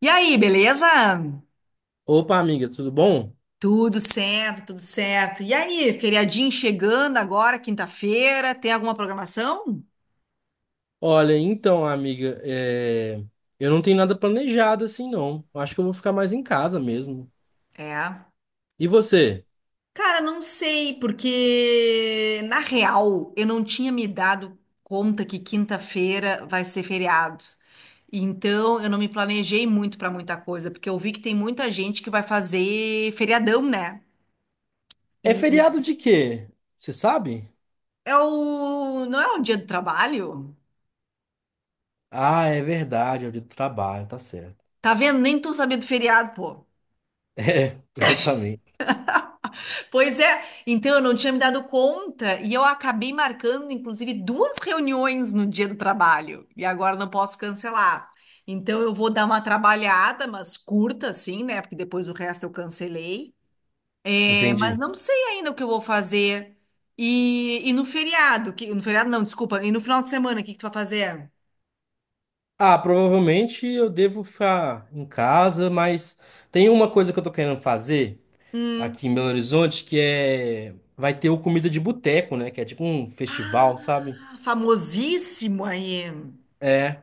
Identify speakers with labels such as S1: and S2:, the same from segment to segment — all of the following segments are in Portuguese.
S1: E aí, beleza?
S2: Opa, amiga, tudo bom?
S1: Tudo certo, tudo certo. E aí, feriadinho chegando agora, quinta-feira, tem alguma programação?
S2: Olha, então, amiga, eu não tenho nada planejado assim, não. Eu acho que eu vou ficar mais em casa mesmo.
S1: É.
S2: E você?
S1: Cara, não sei, porque na real eu não tinha me dado conta que quinta-feira vai ser feriado. Então eu não me planejei muito pra muita coisa, porque eu vi que tem muita gente que vai fazer feriadão, né?
S2: É
S1: E
S2: feriado de quê? Você sabe?
S1: é não é o dia do trabalho?
S2: Ah, é verdade, é o dia do trabalho, tá certo.
S1: Tá vendo? Nem tô sabendo do feriado, pô.
S2: É, exatamente.
S1: Pois é, então eu não tinha me dado conta e eu acabei marcando, inclusive, duas reuniões no dia do trabalho e agora não posso cancelar. Então eu vou dar uma trabalhada, mas curta assim, né? Porque depois o resto eu cancelei. É, mas
S2: Entendi.
S1: não sei ainda o que eu vou fazer. E no feriado, que, no feriado não, desculpa, e no final de semana, o que que tu vai fazer?
S2: Ah, provavelmente eu devo ficar em casa, mas tem uma coisa que eu tô querendo fazer
S1: Hum.
S2: aqui em Belo Horizonte que é. Vai ter o Comida de Boteco, né? Que é tipo um festival, sabe?
S1: Ah, famosíssimo aí.
S2: É.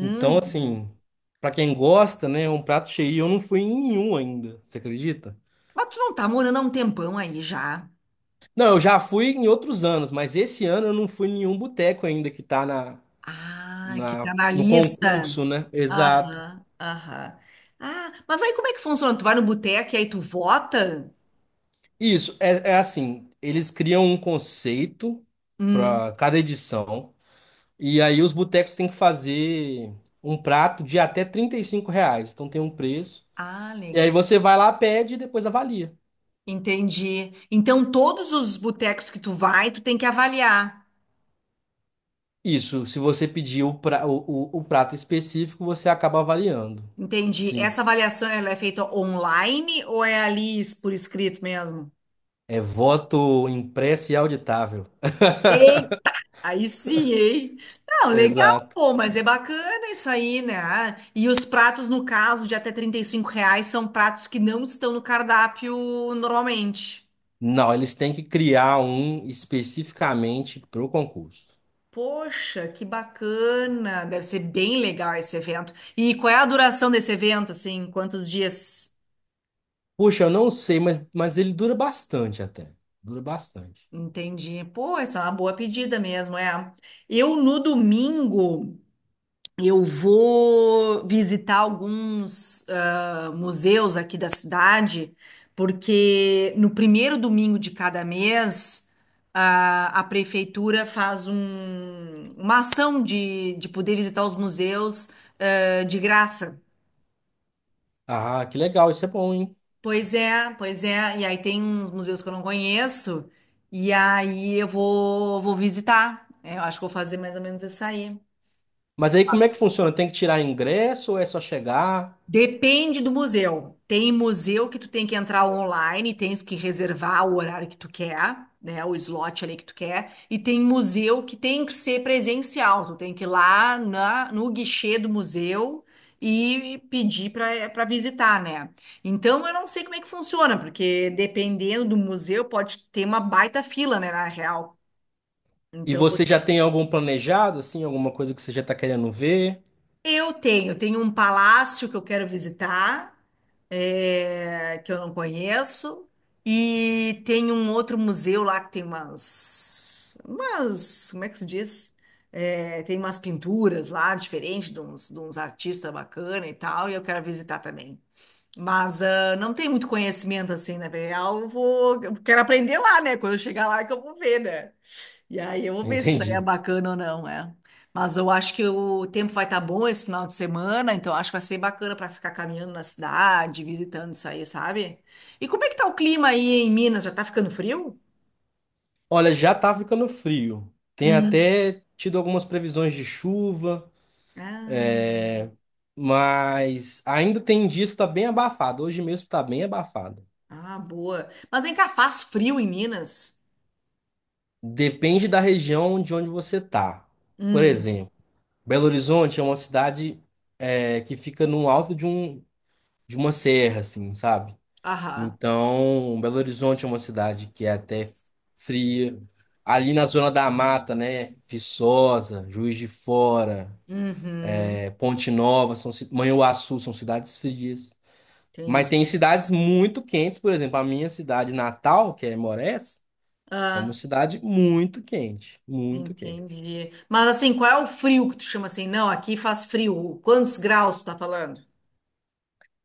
S2: Então, assim, pra quem gosta, né, é um prato cheio. E eu não fui em nenhum ainda, você acredita?
S1: Mas tu não tá morando há um tempão aí já.
S2: Não, eu já fui em outros anos, mas esse ano eu não fui em nenhum boteco ainda que tá na,
S1: Ah, que tá
S2: na,
S1: na
S2: no concurso,
S1: lista.
S2: né? Exato.
S1: Aham, aham. Ah, mas aí como é que funciona? Tu vai no boteco e aí tu vota?
S2: Isso, é assim, eles criam um conceito para
S1: Hum.
S2: cada edição, e aí os botecos têm que fazer um prato de até R$ 35, então tem um preço.
S1: Ah,
S2: E aí
S1: legal.
S2: você vai lá, pede e depois avalia.
S1: Entendi. Então, todos os botecos que tu vai, tu tem que avaliar.
S2: Isso, se você pedir o prato específico, você acaba avaliando.
S1: Entendi.
S2: Sim.
S1: Essa avaliação, ela é feita online ou é ali por escrito mesmo?
S2: É voto impresso e auditável.
S1: Tem Aí sim, hein? Não, legal,
S2: Exato.
S1: pô, mas é bacana isso aí, né? Ah, e os pratos, no caso, de até R$ 35, são pratos que não estão no cardápio normalmente.
S2: Não, eles têm que criar um especificamente para o concurso.
S1: Poxa, que bacana! Deve ser bem legal esse evento. E qual é a duração desse evento, assim? Quantos dias?
S2: Puxa, eu não sei, mas ele dura bastante até. Dura bastante.
S1: Entendi. Pô, essa é uma boa pedida mesmo, é. Eu, no domingo, eu vou visitar alguns museus aqui da cidade, porque no primeiro domingo de cada mês, a prefeitura faz uma ação de poder visitar os museus, de graça.
S2: Ah, que legal, isso é bom, hein?
S1: Pois é, pois é. E aí tem uns museus que eu não conheço, e aí eu vou, visitar. É, eu acho que vou fazer mais ou menos isso aí.
S2: Mas aí como é que funciona? Tem que tirar ingresso ou é só chegar?
S1: Depende do museu. Tem museu que tu tem que entrar online, tens que reservar o horário que tu quer, né? O slot ali que tu quer. E tem museu que tem que ser presencial. Tu tem que ir lá na, no guichê do museu e pedir para visitar, né? Então eu não sei como é que funciona, porque dependendo do museu pode ter uma baita fila, né? Na real.
S2: E
S1: Então
S2: você já tem algum planejado, assim, alguma coisa que você já está querendo ver?
S1: eu tenho um palácio que eu quero visitar, que eu não conheço, e tem um outro museu lá que tem umas, como é que se diz? Tem umas pinturas lá, diferentes de uns artistas bacana e tal, e eu quero visitar também. Mas ah, não tem muito conhecimento assim, na real, eu vou, eu quero aprender lá, né? Quando eu chegar lá é que eu vou ver, né? E aí eu vou ver se isso aí é
S2: Entendi.
S1: bacana ou não, é. Mas eu acho que o tempo vai estar bom esse final de semana, então acho que vai ser bacana para ficar caminhando na cidade, visitando isso aí, sabe? E como é que tá o clima aí em Minas? Já tá ficando frio?
S2: Olha, já tá ficando frio. Tem
S1: Hum.
S2: até tido algumas previsões de chuva,
S1: Ah,
S2: mas ainda tem dias que tá bem abafado. Hoje mesmo tá bem abafado.
S1: ah, boa. Mas vem cá, faz frio em Minas?
S2: Depende da região de onde você tá. Por
S1: Hum,
S2: exemplo, Belo Horizonte é uma cidade que fica no alto de uma serra, assim, sabe?
S1: aham.
S2: Então, Belo Horizonte é uma cidade que é até fria. Ali na zona da mata, né? Viçosa, Juiz de Fora.
S1: Uhum,
S2: É Ponte Nova, são, Manhuaçu, são cidades frias. Mas tem
S1: entendi.
S2: cidades muito quentes, por exemplo, a minha cidade natal, que é Morés, é uma
S1: Ah,
S2: cidade muito quente, muito quente.
S1: entendi. Mas assim, qual é o frio que tu chama assim? Não, aqui faz frio. Quantos graus tu tá falando?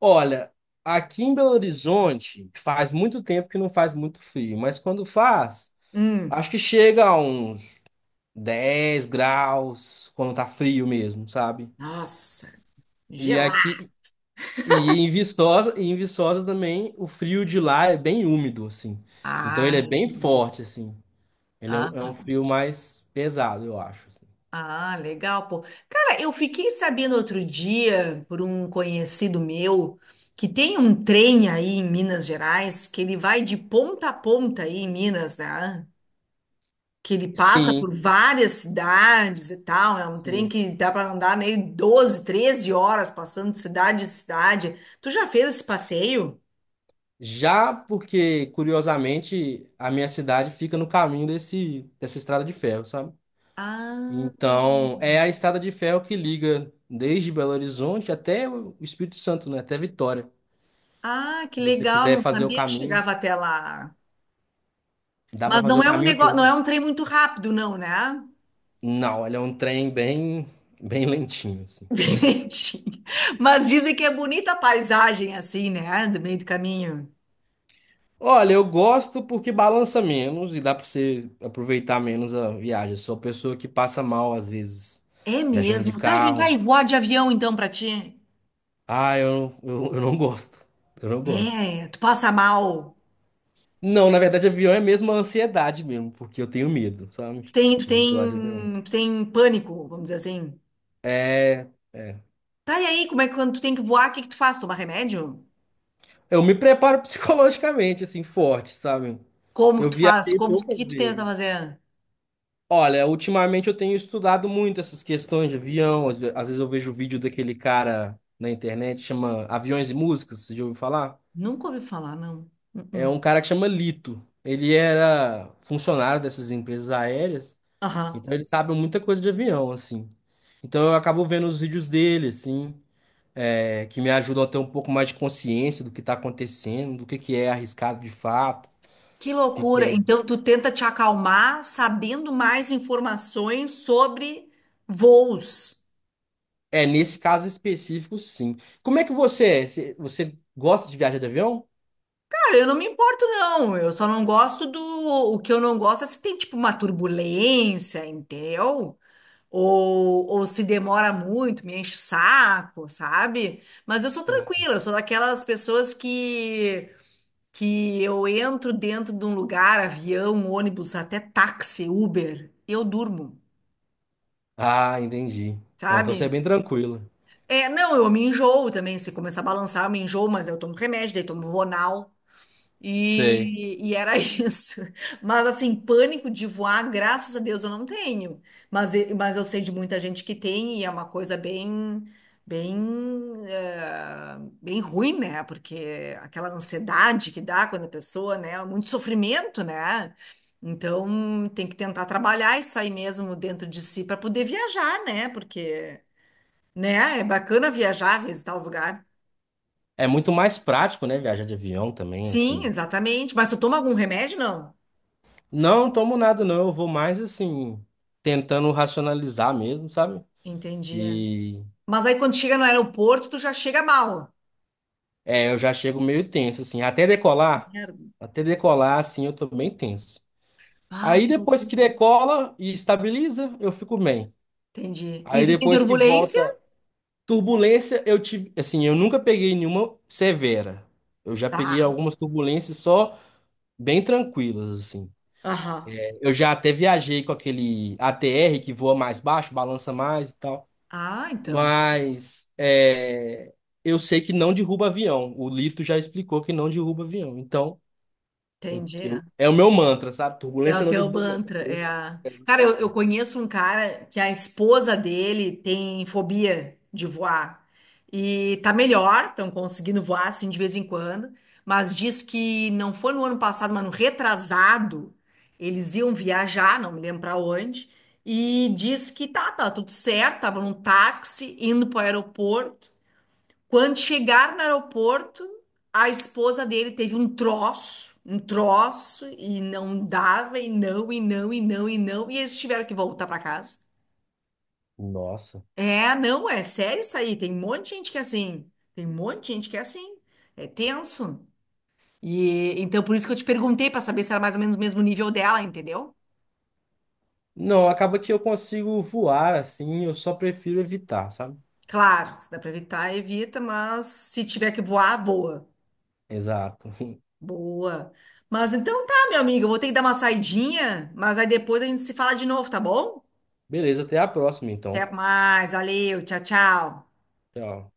S2: Olha, aqui em Belo Horizonte faz muito tempo que não faz muito frio, mas quando faz,
S1: Hum,
S2: acho que chega a uns 10 graus quando tá frio mesmo, sabe?
S1: nossa.
S2: E
S1: Gelar.
S2: aqui e em Viçosa também o frio de lá é bem úmido assim. Então ele
S1: Ah,
S2: é bem
S1: entendi.
S2: forte assim. Ele é
S1: Ah,
S2: um, é um frio mais pesado, eu acho, assim.
S1: ah, legal, pô. Cara, eu fiquei sabendo outro dia por um conhecido meu que tem um trem aí em Minas Gerais que ele vai de ponta a ponta aí em Minas, né? Que ele passa
S2: Sim,
S1: por várias cidades e tal. É um trem
S2: sim.
S1: que dá para andar nele 12, 13 horas passando de cidade em cidade. Tu já fez esse passeio?
S2: Já porque, curiosamente, a minha cidade fica no caminho dessa estrada de ferro, sabe?
S1: Ah,
S2: Então, é a estrada de ferro que liga desde Belo Horizonte até o Espírito Santo, né? Até Vitória.
S1: ah, que
S2: Se você
S1: legal,
S2: quiser
S1: não
S2: fazer o
S1: sabia que
S2: caminho,
S1: chegava até lá.
S2: dá para
S1: Mas
S2: fazer
S1: não
S2: o
S1: é um
S2: caminho
S1: negócio, não é
S2: todo.
S1: um trem muito rápido, não, né?
S2: Não, ele é um trem bem lentinho, assim.
S1: Gente, mas dizem que é bonita a paisagem assim, né? Do meio do caminho.
S2: Olha, eu gosto porque balança menos e dá pra você aproveitar menos a viagem. Sou a pessoa que passa mal às vezes,
S1: É
S2: viajando de
S1: mesmo. Tá, vem cá e
S2: carro.
S1: voar de avião então pra ti.
S2: Ah, eu não gosto. Eu não gosto.
S1: É, tu passa mal.
S2: Não, na verdade, avião é mesmo a ansiedade mesmo, porque eu tenho medo, sabe?
S1: Tu tem, tu
S2: De voar de avião.
S1: tem, tu tem pânico, vamos dizer assim.
S2: É, é.
S1: Tá, e aí, como é que quando tu tem que voar, o que que tu faz? Tomar remédio?
S2: Eu me preparo psicologicamente, assim, forte, sabe?
S1: Como que
S2: Eu
S1: tu faz?
S2: viajei
S1: Como o que
S2: poucas
S1: tu tenta
S2: vezes.
S1: fazer?
S2: Olha, ultimamente eu tenho estudado muito essas questões de avião. Às vezes eu vejo vídeo daquele cara na internet, chama Aviões e Músicas, você já ouviu falar?
S1: Nunca ouvi falar, não.
S2: É
S1: Uh-uh.
S2: um cara que chama Lito. Ele era funcionário dessas empresas aéreas,
S1: Aham.
S2: então ele sabe muita coisa de avião, assim. Então eu acabo vendo os vídeos dele, assim, que me ajudam a ter um pouco mais de consciência do que está acontecendo, do que é arriscado de fato,
S1: Que
S2: o que que
S1: loucura!
S2: é.
S1: Então, tu tenta te acalmar sabendo mais informações sobre voos.
S2: É, nesse caso específico, sim. Como é que você é? Você gosta de viajar de avião?
S1: Cara, eu não me importo, não. Eu só não gosto do. O que eu não gosto é se tem, tipo, uma turbulência, entendeu? Ou se demora muito, me enche o saco, sabe? Mas eu sou tranquila, eu sou daquelas pessoas. Que eu entro dentro de um lugar, avião, ônibus, até táxi, Uber, eu durmo,
S2: Ah, entendi. Ah, então você é
S1: sabe?
S2: bem tranquilo.
S1: É, não, eu me enjoo também. Se começar a balançar, eu me enjoo, mas eu tomo remédio, daí tomo Vonal.
S2: Sei.
S1: E era isso. Mas assim, pânico de voar, graças a Deus eu não tenho. Mas, mas eu sei de muita gente que tem e é uma coisa bem, bem, bem ruim, né? Porque aquela ansiedade que dá quando a pessoa, né? Muito sofrimento, né? Então tem que tentar trabalhar isso aí mesmo dentro de si para poder viajar, né? Porque né? É bacana viajar, visitar os lugares.
S2: É muito mais prático, né? Viajar de avião também,
S1: Sim,
S2: assim.
S1: exatamente. Mas tu toma algum remédio? Não.
S2: Não tomo nada, não. Eu vou mais, assim, tentando racionalizar mesmo, sabe?
S1: Entendi. É.
S2: E
S1: Mas aí quando chega no aeroporto, tu já chega mal.
S2: eu já chego meio tenso, assim. Até decolar,
S1: Merda.
S2: até decolar, assim, eu tô bem tenso.
S1: Ah,
S2: Aí
S1: que
S2: depois
S1: loucura.
S2: que decola e estabiliza, eu fico bem.
S1: Entendi. E
S2: Aí
S1: se tem
S2: depois que
S1: turbulência?
S2: volta turbulência, eu tive, assim, eu nunca peguei nenhuma severa. Eu já peguei
S1: Tá.
S2: algumas turbulências só, bem tranquilas, assim.
S1: Aham.
S2: Eu já até viajei com aquele ATR que voa mais baixo, balança mais e tal,
S1: Ah, então.
S2: mas eu sei que não derruba avião. O Lito já explicou que não derruba avião. Então,
S1: Entendi.
S2: é o meu mantra, sabe?
S1: É
S2: Turbulência
S1: o
S2: não
S1: teu
S2: derruba avião.
S1: mantra, é
S2: Turbulência
S1: a...
S2: não
S1: Cara, eu,
S2: derruba
S1: eu
S2: avião.
S1: conheço um cara que a esposa dele tem fobia de voar. E tá melhor, estão conseguindo voar, assim, de vez em quando. Mas diz que não foi no ano passado, mas no retrasado, eles iam viajar, não me lembro pra onde. E diz que tá tudo certo, tava num táxi indo pro aeroporto. Quando chegaram no aeroporto, a esposa dele teve um troço, e não dava, e não, e não, e não, e não, e eles tiveram que voltar pra casa.
S2: Nossa.
S1: É, não, é sério isso aí. Tem um monte de gente que é assim. Tem um monte de gente que é assim. É tenso. E então por isso que eu te perguntei pra saber se era mais ou menos o mesmo nível dela, entendeu?
S2: Não, acaba que eu consigo voar assim, eu só prefiro evitar, sabe?
S1: Claro, se dá pra evitar, evita, mas se tiver que voar, voa.
S2: Exato.
S1: Boa. Mas então tá, meu amigo, eu vou ter que dar uma saidinha, mas aí depois a gente se fala de novo, tá bom?
S2: Beleza, até a próxima,
S1: Até
S2: então.
S1: mais, valeu, tchau, tchau.
S2: Tchau.